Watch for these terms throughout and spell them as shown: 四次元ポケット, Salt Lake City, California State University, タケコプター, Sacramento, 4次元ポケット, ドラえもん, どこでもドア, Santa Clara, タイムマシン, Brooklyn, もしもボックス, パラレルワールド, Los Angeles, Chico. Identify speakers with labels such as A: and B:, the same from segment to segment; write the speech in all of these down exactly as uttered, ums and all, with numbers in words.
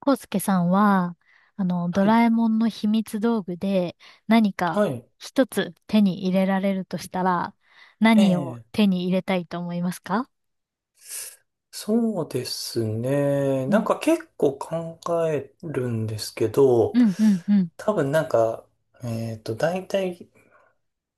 A: コウスケさんは、あの、ド
B: はい。
A: ラえもんの秘密道具で何か
B: はい。
A: 一つ手に入れられるとしたら、
B: え
A: 何を
B: え、
A: 手に入れたいと思いますか？
B: そうですね。
A: う
B: なん
A: ん、
B: か結構考えるんですけ
A: う
B: ど、
A: ん、うん、うん。
B: 多分なんか、えっと、大体、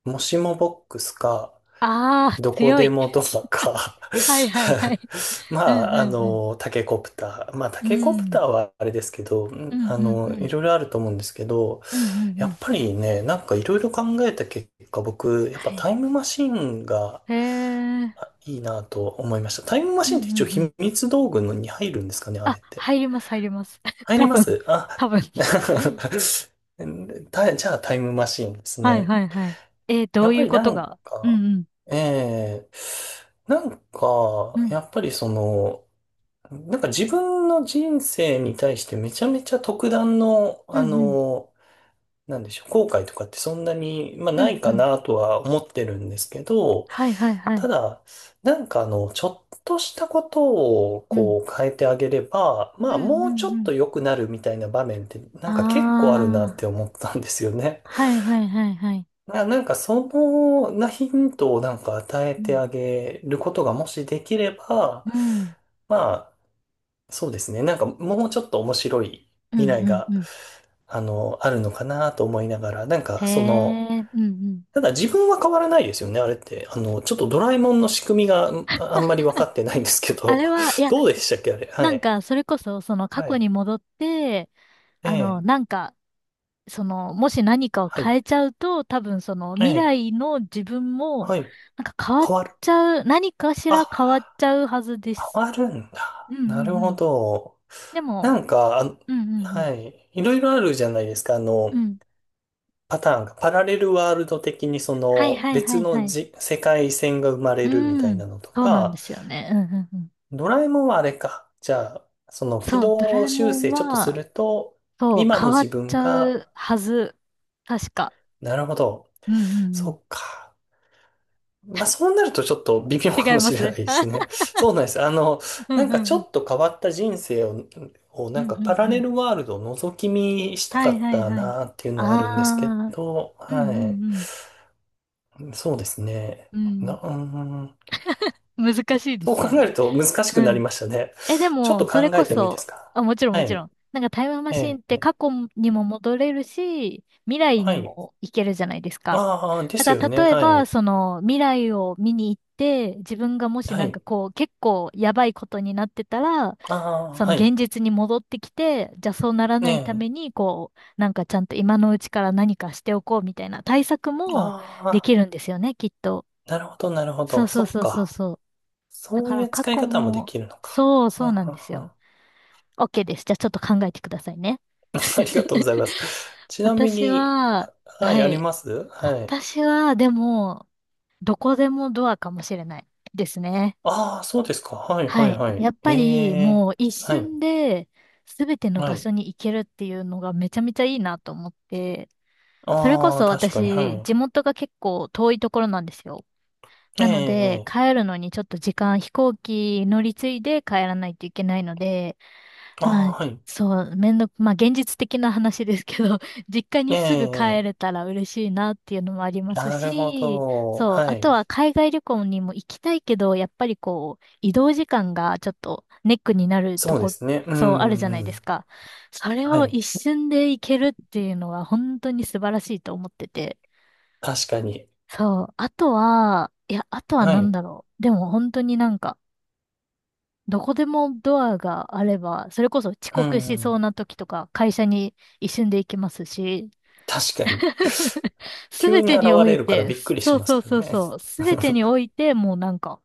B: もしもボックスか、
A: ああ、
B: どこ
A: 強
B: で
A: い。
B: もドアか。
A: はいはいはい。
B: ま
A: うん、う
B: あ、あ
A: ん、うん。
B: の、タケコプター。まあ、タ
A: う
B: ケコプ
A: ん、
B: ターはあれですけど、う
A: う
B: んあ
A: ん、う
B: の、い
A: ん。
B: ろいろあると思うんですけど、
A: うん、うん、うん。う
B: やっ
A: ん
B: ぱりね、なんかいろいろ考えた結果、僕、やっぱ
A: はい。
B: タイムマシンが
A: へえ。
B: いいなと思いました。タイムマ
A: う
B: シ
A: ん、う
B: ンって一応
A: ん、う
B: 秘
A: ん。
B: 密道具のに入るんですかね、あれ
A: あ、
B: って。
A: 入ります、入ります。
B: 入り
A: 多
B: ま
A: 分、
B: すあ、
A: 多分。
B: たじゃあタイムマシンです
A: はい
B: ね。
A: はいはい。えー、ど
B: やっ
A: うい
B: ぱ
A: う
B: り
A: こ
B: な
A: と
B: ん
A: が。う
B: か、
A: ん、うん、
B: ええなん
A: う
B: か、
A: ん、
B: やっぱりその、なんか自分の人生に対してめちゃめちゃ特段の、
A: う
B: あ
A: ん、うん。
B: の、なんでしょう、後悔とかってそんなに、まあ、
A: う
B: な
A: ん
B: い
A: う
B: か
A: ん
B: なとは思ってるんですけど、
A: はいはいは
B: た
A: い。
B: だ、なんかあの、ちょっとしたことを
A: うん。
B: こう変えてあげれば、
A: う
B: まあ
A: んうん
B: もうちょ
A: う
B: っ
A: ん。
B: と良くなるみたいな場面ってな
A: あ
B: んか結構あるなって
A: あ。
B: 思ったんですよね。
A: はいはいはいはい。
B: な、なんかそのなヒントをなんか与え
A: う
B: て
A: ん。
B: あげることがもしできれば、
A: うん。
B: まあそうですね。なんかもうちょっと面白い
A: う
B: 未
A: ん
B: 来
A: うん
B: が
A: うん。
B: あの、あるのかなと思いながら、なん
A: へ
B: かその、
A: え。うんうん。
B: ただ自分は変わらないですよね、あれって。あの、ちょっとドラえもんの仕組みがんあんまり分かってないんですけ
A: あ
B: ど、
A: れは、い や、
B: どうでしたっけ、あれ。は
A: なん
B: い。
A: か、それこそ、その過
B: は
A: 去
B: い。
A: に戻って、
B: え
A: あの、
B: え。
A: なんか、その、もし何かを
B: はい。
A: 変えちゃうと、多分その、
B: え
A: 未
B: え。
A: 来の自分も、
B: はい。
A: なんか変わっ
B: 変わる。
A: ちゃう、何かしら
B: あ、
A: 変わっちゃうはずで
B: 変
A: す。
B: わるん
A: う
B: だ。
A: んう
B: なる
A: んう
B: ほ
A: ん。
B: ど。
A: で
B: な
A: も、
B: んか、あ
A: うんうん
B: はい。いろいろあるじゃないですか、あ
A: うん。
B: の、
A: うん。
B: パターンが。パラレルワールド的にそ
A: はい
B: の
A: はいは
B: 別
A: いは
B: の
A: い。
B: じ世界線が生ま
A: う
B: れるみたい
A: ん、
B: なのと
A: そうなんで
B: か、
A: すよね。うんうんうん。
B: ドラえもんはあれか。じゃあ、その軌
A: そう、ドラ
B: 道
A: えも
B: 修
A: ん
B: 正ちょっとす
A: は、
B: ると、
A: そう、
B: 今
A: 変
B: の
A: わ
B: 自
A: っち
B: 分
A: ゃ
B: が、
A: うはず。確か。
B: なるほど。
A: うんうんう
B: そ
A: ん。
B: っか。まあそうなるとちょっと微妙
A: 違
B: か
A: い
B: も
A: ま
B: し
A: す
B: れない
A: ね。
B: ですね。そうなんです。あの、
A: うん
B: なん
A: う
B: かち
A: んう
B: ょ
A: ん。
B: っと変わった人生を、を
A: う
B: な
A: ん
B: んか
A: う
B: パ
A: ん
B: ラ
A: う
B: レ
A: ん。
B: ルワールドを覗き見した
A: は
B: か
A: い
B: っ
A: はい
B: た
A: はい。
B: なっていうのはあるんですけ
A: ああ、
B: ど、
A: うん
B: は
A: うん
B: い。そうですね。
A: う
B: な、
A: ん。
B: うーん。
A: うん。難しいで
B: そう
A: す
B: 考
A: よ
B: える
A: ね。
B: と難し
A: う
B: くなり
A: ん
B: ましたね。
A: え、で
B: ちょっ
A: も、
B: と
A: それ
B: 考
A: こ
B: えてもいいです
A: そ、
B: か。
A: あ、もちろん
B: は
A: もち
B: い。
A: ろん。なんかタイムマシンっ
B: え
A: て
B: え。
A: 過去にも戻れるし、未来に
B: はい。
A: も行けるじゃないですか。
B: ああ、で
A: だ
B: す
A: か
B: よね。
A: ら例え
B: は
A: ば、
B: い。
A: その未来を見に行って、自分がもし
B: は
A: なんか
B: い。
A: こう結構やばいことになってたら、
B: ああ、
A: その
B: はい。
A: 現実に戻ってきて、じゃあそうならないた
B: ね
A: めに、こう、なんかちゃんと今のうちから何かしておこうみたいな対策
B: え。
A: もで
B: あ
A: きるんですよね、きっと。
B: あ、なるほど、なるほ
A: そう
B: ど。
A: そう
B: そっ
A: そうそう
B: か。
A: そう。だ
B: そう
A: か
B: い
A: ら
B: う
A: 過
B: 使い
A: 去
B: 方もで
A: も、
B: きるのか。
A: そう
B: うん
A: そ
B: う
A: う
B: ん
A: なんです
B: うん。
A: よ。OK です。じゃあちょっと考えてくださいね。
B: ありがとうございます。ちなみ
A: 私
B: に、
A: は、
B: は
A: は
B: い、あり
A: い。
B: ます、はい。
A: 私は、でも、どこでもドアかもしれないですね。
B: ああ、そうですか。はい、は
A: は
B: い、
A: い。
B: は
A: や
B: い。
A: っ
B: え
A: ぱり、
B: え、
A: もう一
B: はい、
A: 瞬で、すべての
B: は
A: 場
B: い。
A: 所に行けるっていうのがめちゃめちゃいいなと思って、それこ
B: ああ、
A: そ
B: 確かに、は
A: 私、地
B: い。
A: 元が結構遠いところなんですよ。
B: え
A: なので、
B: え、ええ、
A: 帰るのにちょっと時間、飛行機乗り継いで帰らないといけないので、
B: あ
A: はい。
B: あ、はい。
A: そう、めんどく、まあ現実的な話ですけど、実家
B: え
A: にすぐ帰
B: え、
A: れたら嬉しいなっていうのもあります
B: なるほ
A: し、
B: ど。
A: そう、
B: は
A: あ
B: い。
A: とは海外旅行にも行きたいけど、やっぱりこう、移動時間がちょっとネックになると
B: そうで
A: こ、
B: すね。う
A: そう、あるじゃな
B: ん、
A: い
B: う
A: です
B: ん。
A: か。それ
B: は
A: を
B: い。
A: 一瞬で行けるっていうのは本当に素晴らしいと思ってて。
B: 確かに。
A: そう、あとは、いや、あとは
B: は
A: 何
B: い。
A: だろう。でも本当になんか、どこでもドアがあれば、それこそ遅
B: う
A: 刻しそう
B: ん。
A: な時とか、会社に一瞬で行きますし、
B: 確かに。
A: す
B: 急
A: べ
B: に
A: て
B: 現
A: にお
B: れ
A: い
B: るから
A: て、
B: びっくり
A: そ
B: し
A: う
B: ます
A: そう
B: けど
A: そう
B: ね。
A: そう、すべてにお いて、もうなんか、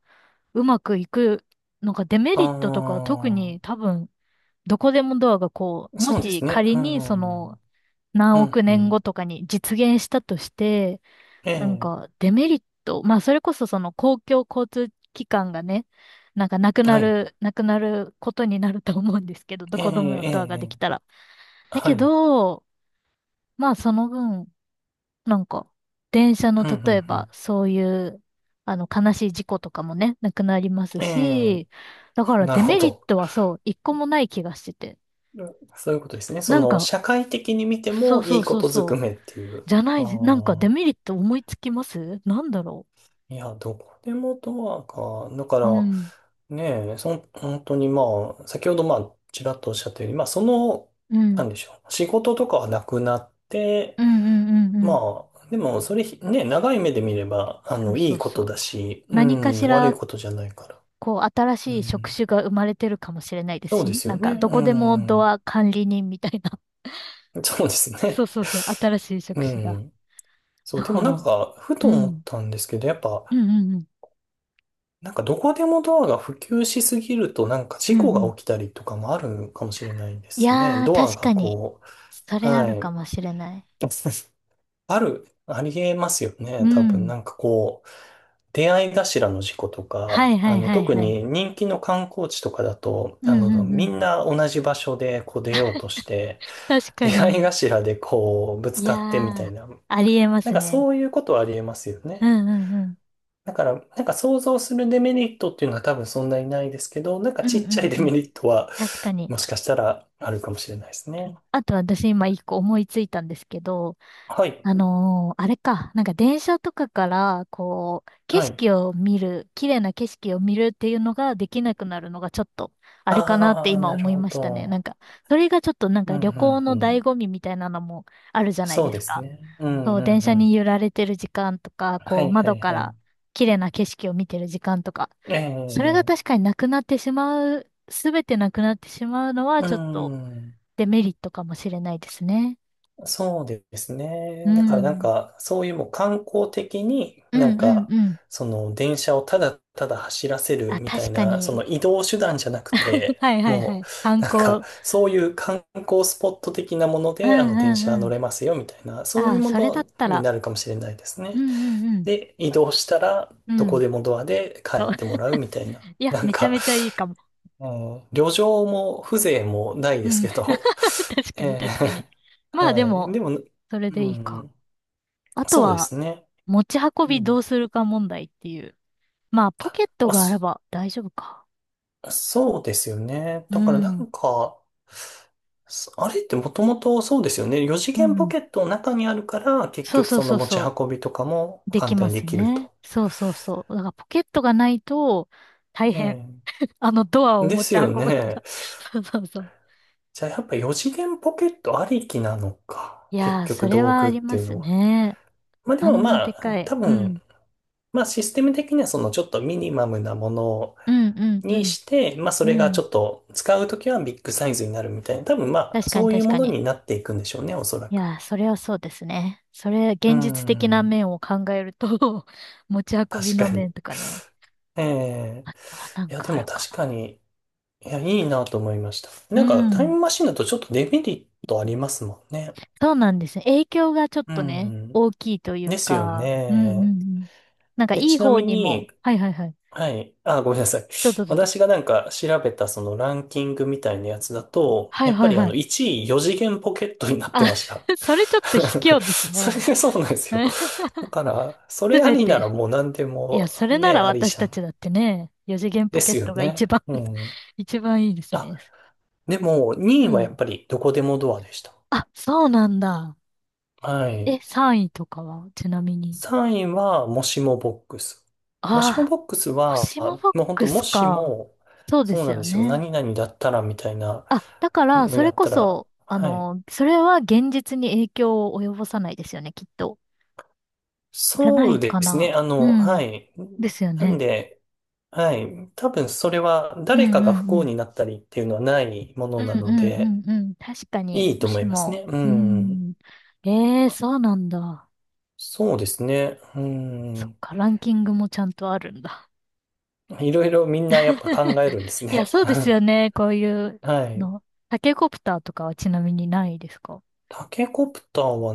A: うまくいく、なんかデメリットとかは特に
B: あ
A: 多分、どこでもドアがこ
B: あ、
A: う、も
B: そうで
A: し
B: すね。
A: 仮
B: う
A: にそ
B: ん。う
A: の、
B: ん、う
A: 何億年
B: ん。
A: 後とかに実現したとして、
B: え
A: なん
B: え、
A: か、デメリット、まあ、それこそその公共交通機関がね、なんかなくな
B: はい。
A: る、なくなることになると思うんですけど、ど
B: ええ、
A: こでもドアが
B: え
A: で
B: え、
A: きたら。だ
B: は
A: け
B: い。うん、
A: ど、まあ、その分、なんか、電車の
B: う
A: 例え
B: ん、う
A: ば、
B: ん。
A: そういう、あの、悲しい事故とかもね、なくなります
B: ええ、
A: し、だから
B: なる
A: デ
B: ほ
A: メリッ
B: ど。
A: トはそう、一個もない気がしてて。
B: そういうことですね。そ
A: なん
B: の、
A: か、
B: 社会的に見て
A: そう
B: もい
A: そう
B: いこ
A: そう
B: とず
A: そ
B: く
A: う、
B: めっていう。
A: じゃな
B: あ
A: い、なんかデ
B: あ、
A: メリット思いつきますなんだろ
B: いや、どこでもドアか。だか
A: う。う
B: ら、
A: ん。
B: ねえ、そん、本当にまあ、先ほどまあ、ちらっとおっしゃったように、まあ、その、
A: う
B: な
A: ん
B: んでしょう、仕事とかはなくなって、
A: うんうんうんうん。
B: まあ、でも、それ、ね、長い目で見れば、あ
A: そう
B: の、い
A: そ
B: い
A: う
B: こ
A: そ
B: と
A: う。
B: だし、う
A: 何かし
B: ん、悪い
A: ら、
B: ことじゃないから。
A: こう、新
B: う
A: しい職
B: ん、
A: 種が生まれてるかもしれないです
B: そう
A: し
B: で
A: ね。
B: す
A: な
B: よ
A: ん
B: ね。
A: か、ど
B: う
A: こでもド
B: ん、
A: ア管理人みたいな。
B: そうです
A: そう
B: ね。
A: そうそう。新しい
B: う
A: 職種が。
B: ん。そ
A: だ
B: う、でも
A: か
B: な
A: ら、
B: ん
A: うん。
B: か、ふ
A: う
B: と思っ
A: ん
B: たんですけど、やっ
A: う
B: ぱ、
A: んうん。
B: なんか、どこでもドアが普及しすぎると、なんか、
A: う
B: 事故
A: んう
B: が
A: ん。
B: 起きたりとかもあるかもしれないで
A: い
B: すね。
A: やー、
B: ドア
A: 確
B: が
A: かに。
B: こ
A: そ
B: う、
A: れあ
B: は
A: るか
B: い。
A: もしれない。
B: ある、ありえますよね。
A: う
B: 多分、
A: ん。
B: なんかこう、出会い頭の事故と
A: は
B: か、
A: い
B: あ
A: はい
B: の、
A: はい
B: 特
A: はい。
B: に人気の観光地とかだと、
A: う
B: あ
A: んう
B: の、
A: んう
B: み
A: ん。
B: んな同じ場所でこう出ようとして、
A: 確か
B: 出会い
A: に。
B: 頭でこう、ぶつ
A: いや
B: かってみた
A: ー、
B: いな、
A: ありえま
B: なん
A: す
B: か
A: ね。
B: そういうことはありえますよ
A: う
B: ね。
A: んうんうん。
B: だから、なんか想像するデメリットっていうのは多分そんなにないですけど、なんか
A: うん
B: ち
A: う
B: っちゃい
A: ん
B: デ
A: う
B: メ
A: ん。
B: リットは、
A: 確かに。
B: もしかしたらあるかもしれないですね。
A: あと私今一個思いついたんですけど、
B: はい。
A: あのーあれか、なんか電車とかから、こう、景
B: はい。
A: 色を見る、綺麗な景色を見るっていうのができなくなるのがちょっと、あれかなっ
B: あ
A: て
B: あ、
A: 今
B: なる
A: 思い
B: ほ
A: ましたね。なん
B: ど。
A: か、それがちょっとなん
B: うん、
A: か
B: う
A: 旅行
B: ん、う
A: の醍
B: ん。
A: 醐味みたいなのもあるじゃない
B: そう
A: です
B: です
A: か。
B: ね。うん
A: そ
B: う
A: う、電
B: んう
A: 車に
B: ん。
A: 揺られてる時間とか、
B: は
A: こう、
B: いは
A: 窓
B: い
A: か
B: はい。
A: ら綺麗な景色を見てる時間とか、
B: え
A: それが
B: え、ええ、
A: 確かになくなってしまう、すべてなくなってしまうのは
B: う
A: ちょっと
B: ん。
A: デメリットかもしれないですね。
B: そうです
A: う
B: ね。だからなん
A: ん。
B: か、そういうもう観光的に、
A: う
B: な
A: ん
B: ん
A: うん
B: か、
A: うん。
B: その電車をただただ走らせる
A: あ、
B: みた
A: 確
B: い
A: か
B: な、そ
A: に。
B: の移動手段じゃなく て、
A: はいはいは
B: も
A: い。観
B: う、なんか、
A: 光。
B: そういう観光スポット的なもの
A: う
B: で、あ
A: ん
B: の、
A: う
B: 電車
A: んう
B: 乗
A: ん。
B: れますよみたいな、そ
A: あ
B: ういう
A: あ、
B: も
A: それだ
B: の
A: った
B: に
A: ら。
B: なるかもしれないです
A: う
B: ね。
A: んうんうん。
B: で、移動したら、
A: う
B: どこ
A: ん。
B: でもドアで帰
A: そ
B: っ
A: う。
B: てもらうみたいな。
A: いや、
B: なん
A: めちゃ
B: か、
A: めちゃいいかも。
B: もう旅情も風情もない
A: う
B: です
A: ん。
B: けど、
A: 確 かに
B: え
A: 確かに。
B: ー
A: まあで
B: はい。
A: も、
B: でも、
A: それ
B: う
A: でいいか。
B: ん、
A: あと
B: そうで
A: は、
B: すね。
A: 持ち運
B: う
A: びど
B: ん。
A: うするか問題っていう。まあ、ポケット
B: あ、
A: があ
B: そ、
A: れば大丈夫か。
B: そうですよね。
A: う
B: だからな
A: ん。
B: んか、そあれってもともとそうですよね。
A: う
B: よじげん次元ポ
A: ん。
B: ケットの中にあるから、結
A: そう
B: 局
A: そう
B: その
A: そう
B: 持ち
A: そう。
B: 運びとかも
A: でき
B: 簡単
A: ま
B: にで
A: す
B: きる
A: ね。
B: と。
A: そうそうそう。だからポケットがないと大変。
B: え
A: あのドア
B: え、
A: を
B: で
A: 持
B: す
A: ち運
B: よ
A: ぶの
B: ね。
A: が。そうそうそう。
B: じゃあやっぱよじげん次元ポケットありきなのか。
A: い
B: 結
A: やー、そ
B: 局
A: れ
B: 道
A: はあ
B: 具っ
A: り
B: て
A: ま
B: いう
A: す
B: のは。
A: ね。
B: まあで
A: あ
B: も
A: んな
B: ま
A: でか
B: あ、
A: い。
B: 多
A: う
B: 分
A: ん。
B: まあシステム的にはそのちょっとミニマムなもの
A: うん、うん、う
B: に
A: ん。
B: して、まあそ
A: う
B: れがち
A: ん。
B: ょっと使うときはビッグサイズになるみたいな、多分まあ
A: 確か
B: そ
A: に、
B: ういう
A: 確
B: も
A: か
B: の
A: に。
B: になっていくんでしょうね、おそら
A: い
B: く。
A: やー、それはそうですね。それ、
B: うー
A: 現実的な
B: ん、
A: 面を考えると 持ち運び
B: 確
A: の
B: か
A: 面
B: に。
A: とかね。
B: ええ、
A: あとはなん
B: いやで
A: かあ
B: も
A: るか
B: 確か
A: な。
B: に、いやいいなと思いました。
A: う
B: なんかタイ
A: ん。
B: ムマシンだとちょっとデメリットありますもんね。
A: そうなんですね。影響がちょっ
B: う
A: とね、
B: ん、
A: 大きいという
B: ですよ
A: か。うん、うん、う
B: ね。
A: ん。なんか、
B: で、
A: いい
B: ちな
A: 方
B: み
A: にも。
B: に、
A: はい、はい、はい。
B: はい。あ、ごめんなさい。
A: どうぞ、どうぞ。
B: 私がなんか調べたそのランキングみたいなやつだと、
A: はい、
B: やっ
A: は
B: ぱ
A: い、
B: りあ
A: は
B: の
A: い。
B: いちいよじげん次元ポケットになって
A: あ、
B: ました。
A: それちょっと卑 怯です
B: それ
A: ね。
B: がそうなんですよ。だから、そ
A: す
B: れあ
A: べ
B: りな
A: て。
B: らもう何で
A: いや、
B: も
A: それな
B: ね、
A: ら
B: あり
A: 私
B: じゃ
A: た
B: ん。
A: ちだってね、四次元ポ
B: で
A: ケッ
B: すよ
A: トが一
B: ね。
A: 番
B: う ん。
A: 一番いいです
B: あ、
A: ね。
B: でも
A: う
B: にいは
A: ん。
B: やっぱりどこでもドアでした。
A: あ、そうなんだ。
B: は
A: え、
B: い。
A: さんいとかは、ちなみに。
B: さんいはもしもボックス。もしも
A: あ
B: ボックス
A: あ、も
B: は、
A: しもボッ
B: もう本当
A: ク
B: も
A: ス
B: し
A: か。
B: も、
A: そうで
B: そう
A: す
B: なん
A: よ
B: ですよ。
A: ね。
B: 何々だったらみたいな。
A: あ、だから、
B: の
A: そ
B: や
A: れ
B: っ
A: こ
B: たら、
A: そ、あ
B: はい。
A: の、それは現実に影響を及ぼさないですよね、きっと。じゃな
B: そう
A: い
B: で
A: か
B: すね。
A: な。
B: あ
A: う
B: の、は
A: ん。
B: い。
A: ですよ
B: なん
A: ね。
B: で、はい。多分それは
A: うん
B: 誰か
A: う
B: が不
A: んう
B: 幸
A: ん。
B: になったりっていうのはないもの
A: うん
B: な
A: う
B: の
A: ん
B: で、
A: うんうん。確か
B: い
A: に、
B: い
A: も
B: と思
A: し
B: いますね。
A: も、
B: う
A: う
B: ん。
A: ん。ええそうなんだ。
B: そうですね。う
A: そっ
B: ん。
A: か、ランキングもちゃんとあるんだ。
B: いろいろみんなやっぱ考え るんです
A: いや、
B: ね。
A: そうですよね。こういう
B: はい。
A: の。タケコプターとかはちなみにないですか
B: タケコプターは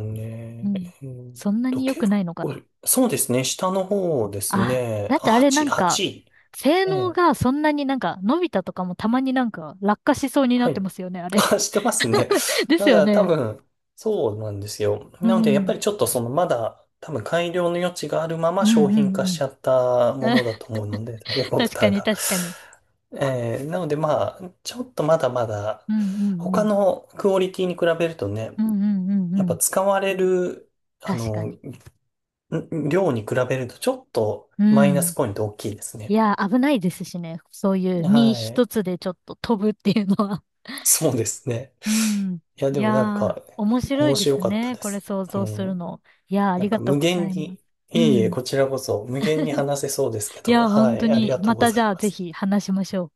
A: う
B: ね、え
A: ん。
B: ーっ
A: そんな
B: と、
A: に良
B: 結
A: くないのか
B: 構、
A: な
B: そうですね。下の方です
A: あ、
B: ね。
A: だっ
B: あ、
A: てあれな
B: はち、
A: ん
B: はち
A: か、
B: い
A: 性
B: え
A: 能
B: え。
A: がそんなになんか、のび太とかもたまになんか落下しそうになっ
B: は
A: て
B: い。
A: ますよね、あれ。
B: あしてますね。
A: です
B: だか
A: よ
B: ら多
A: ね。
B: 分、そうなんですよ。
A: う
B: なので、やっ
A: ん。う
B: ぱ
A: ん
B: りちょっとその、まだ、多分改良の余地があるま
A: う
B: ま商
A: ん
B: 品
A: う
B: 化し
A: ん。
B: ちゃったものだと 思うので、タケコプ
A: 確
B: タ
A: か
B: ー
A: に
B: が。
A: 確かに。
B: えーなので、まあ、ちょっとまだまだ、
A: うんうんう
B: 他
A: ん。
B: のクオリティに比べると
A: う
B: ね、
A: んうんうんう
B: やっぱ
A: ん。
B: 使われる、あ
A: 確か
B: の、
A: に。
B: ん量に比べると、ちょっと
A: う
B: マイナス
A: ん。
B: ポイント大きいです
A: い
B: ね。
A: や、危ないですしね。そういう身
B: は
A: 一
B: い。
A: つでちょっと飛ぶっていうのは。
B: そうですね。
A: うん。
B: いや、
A: い
B: で
A: や
B: もなん
A: ー、
B: か、
A: 面白い
B: 面
A: で
B: 白
A: す
B: かった
A: ね。
B: で
A: これ
B: す。
A: 想
B: う
A: 像する
B: ん。
A: の。いやー、あ
B: な
A: り
B: ん
A: が
B: か
A: とう
B: 無
A: ござ
B: 限
A: いま
B: に、
A: す。
B: い
A: う
B: えいえ、
A: ん。
B: こちらこそ無限に話せそうですけ
A: い
B: ど、
A: やー、
B: は
A: 本当
B: い、あり
A: に、
B: がと
A: ま
B: うご
A: た
B: ざ
A: じ
B: い
A: ゃあ
B: ま
A: ぜ
B: す。
A: ひ話しましょう。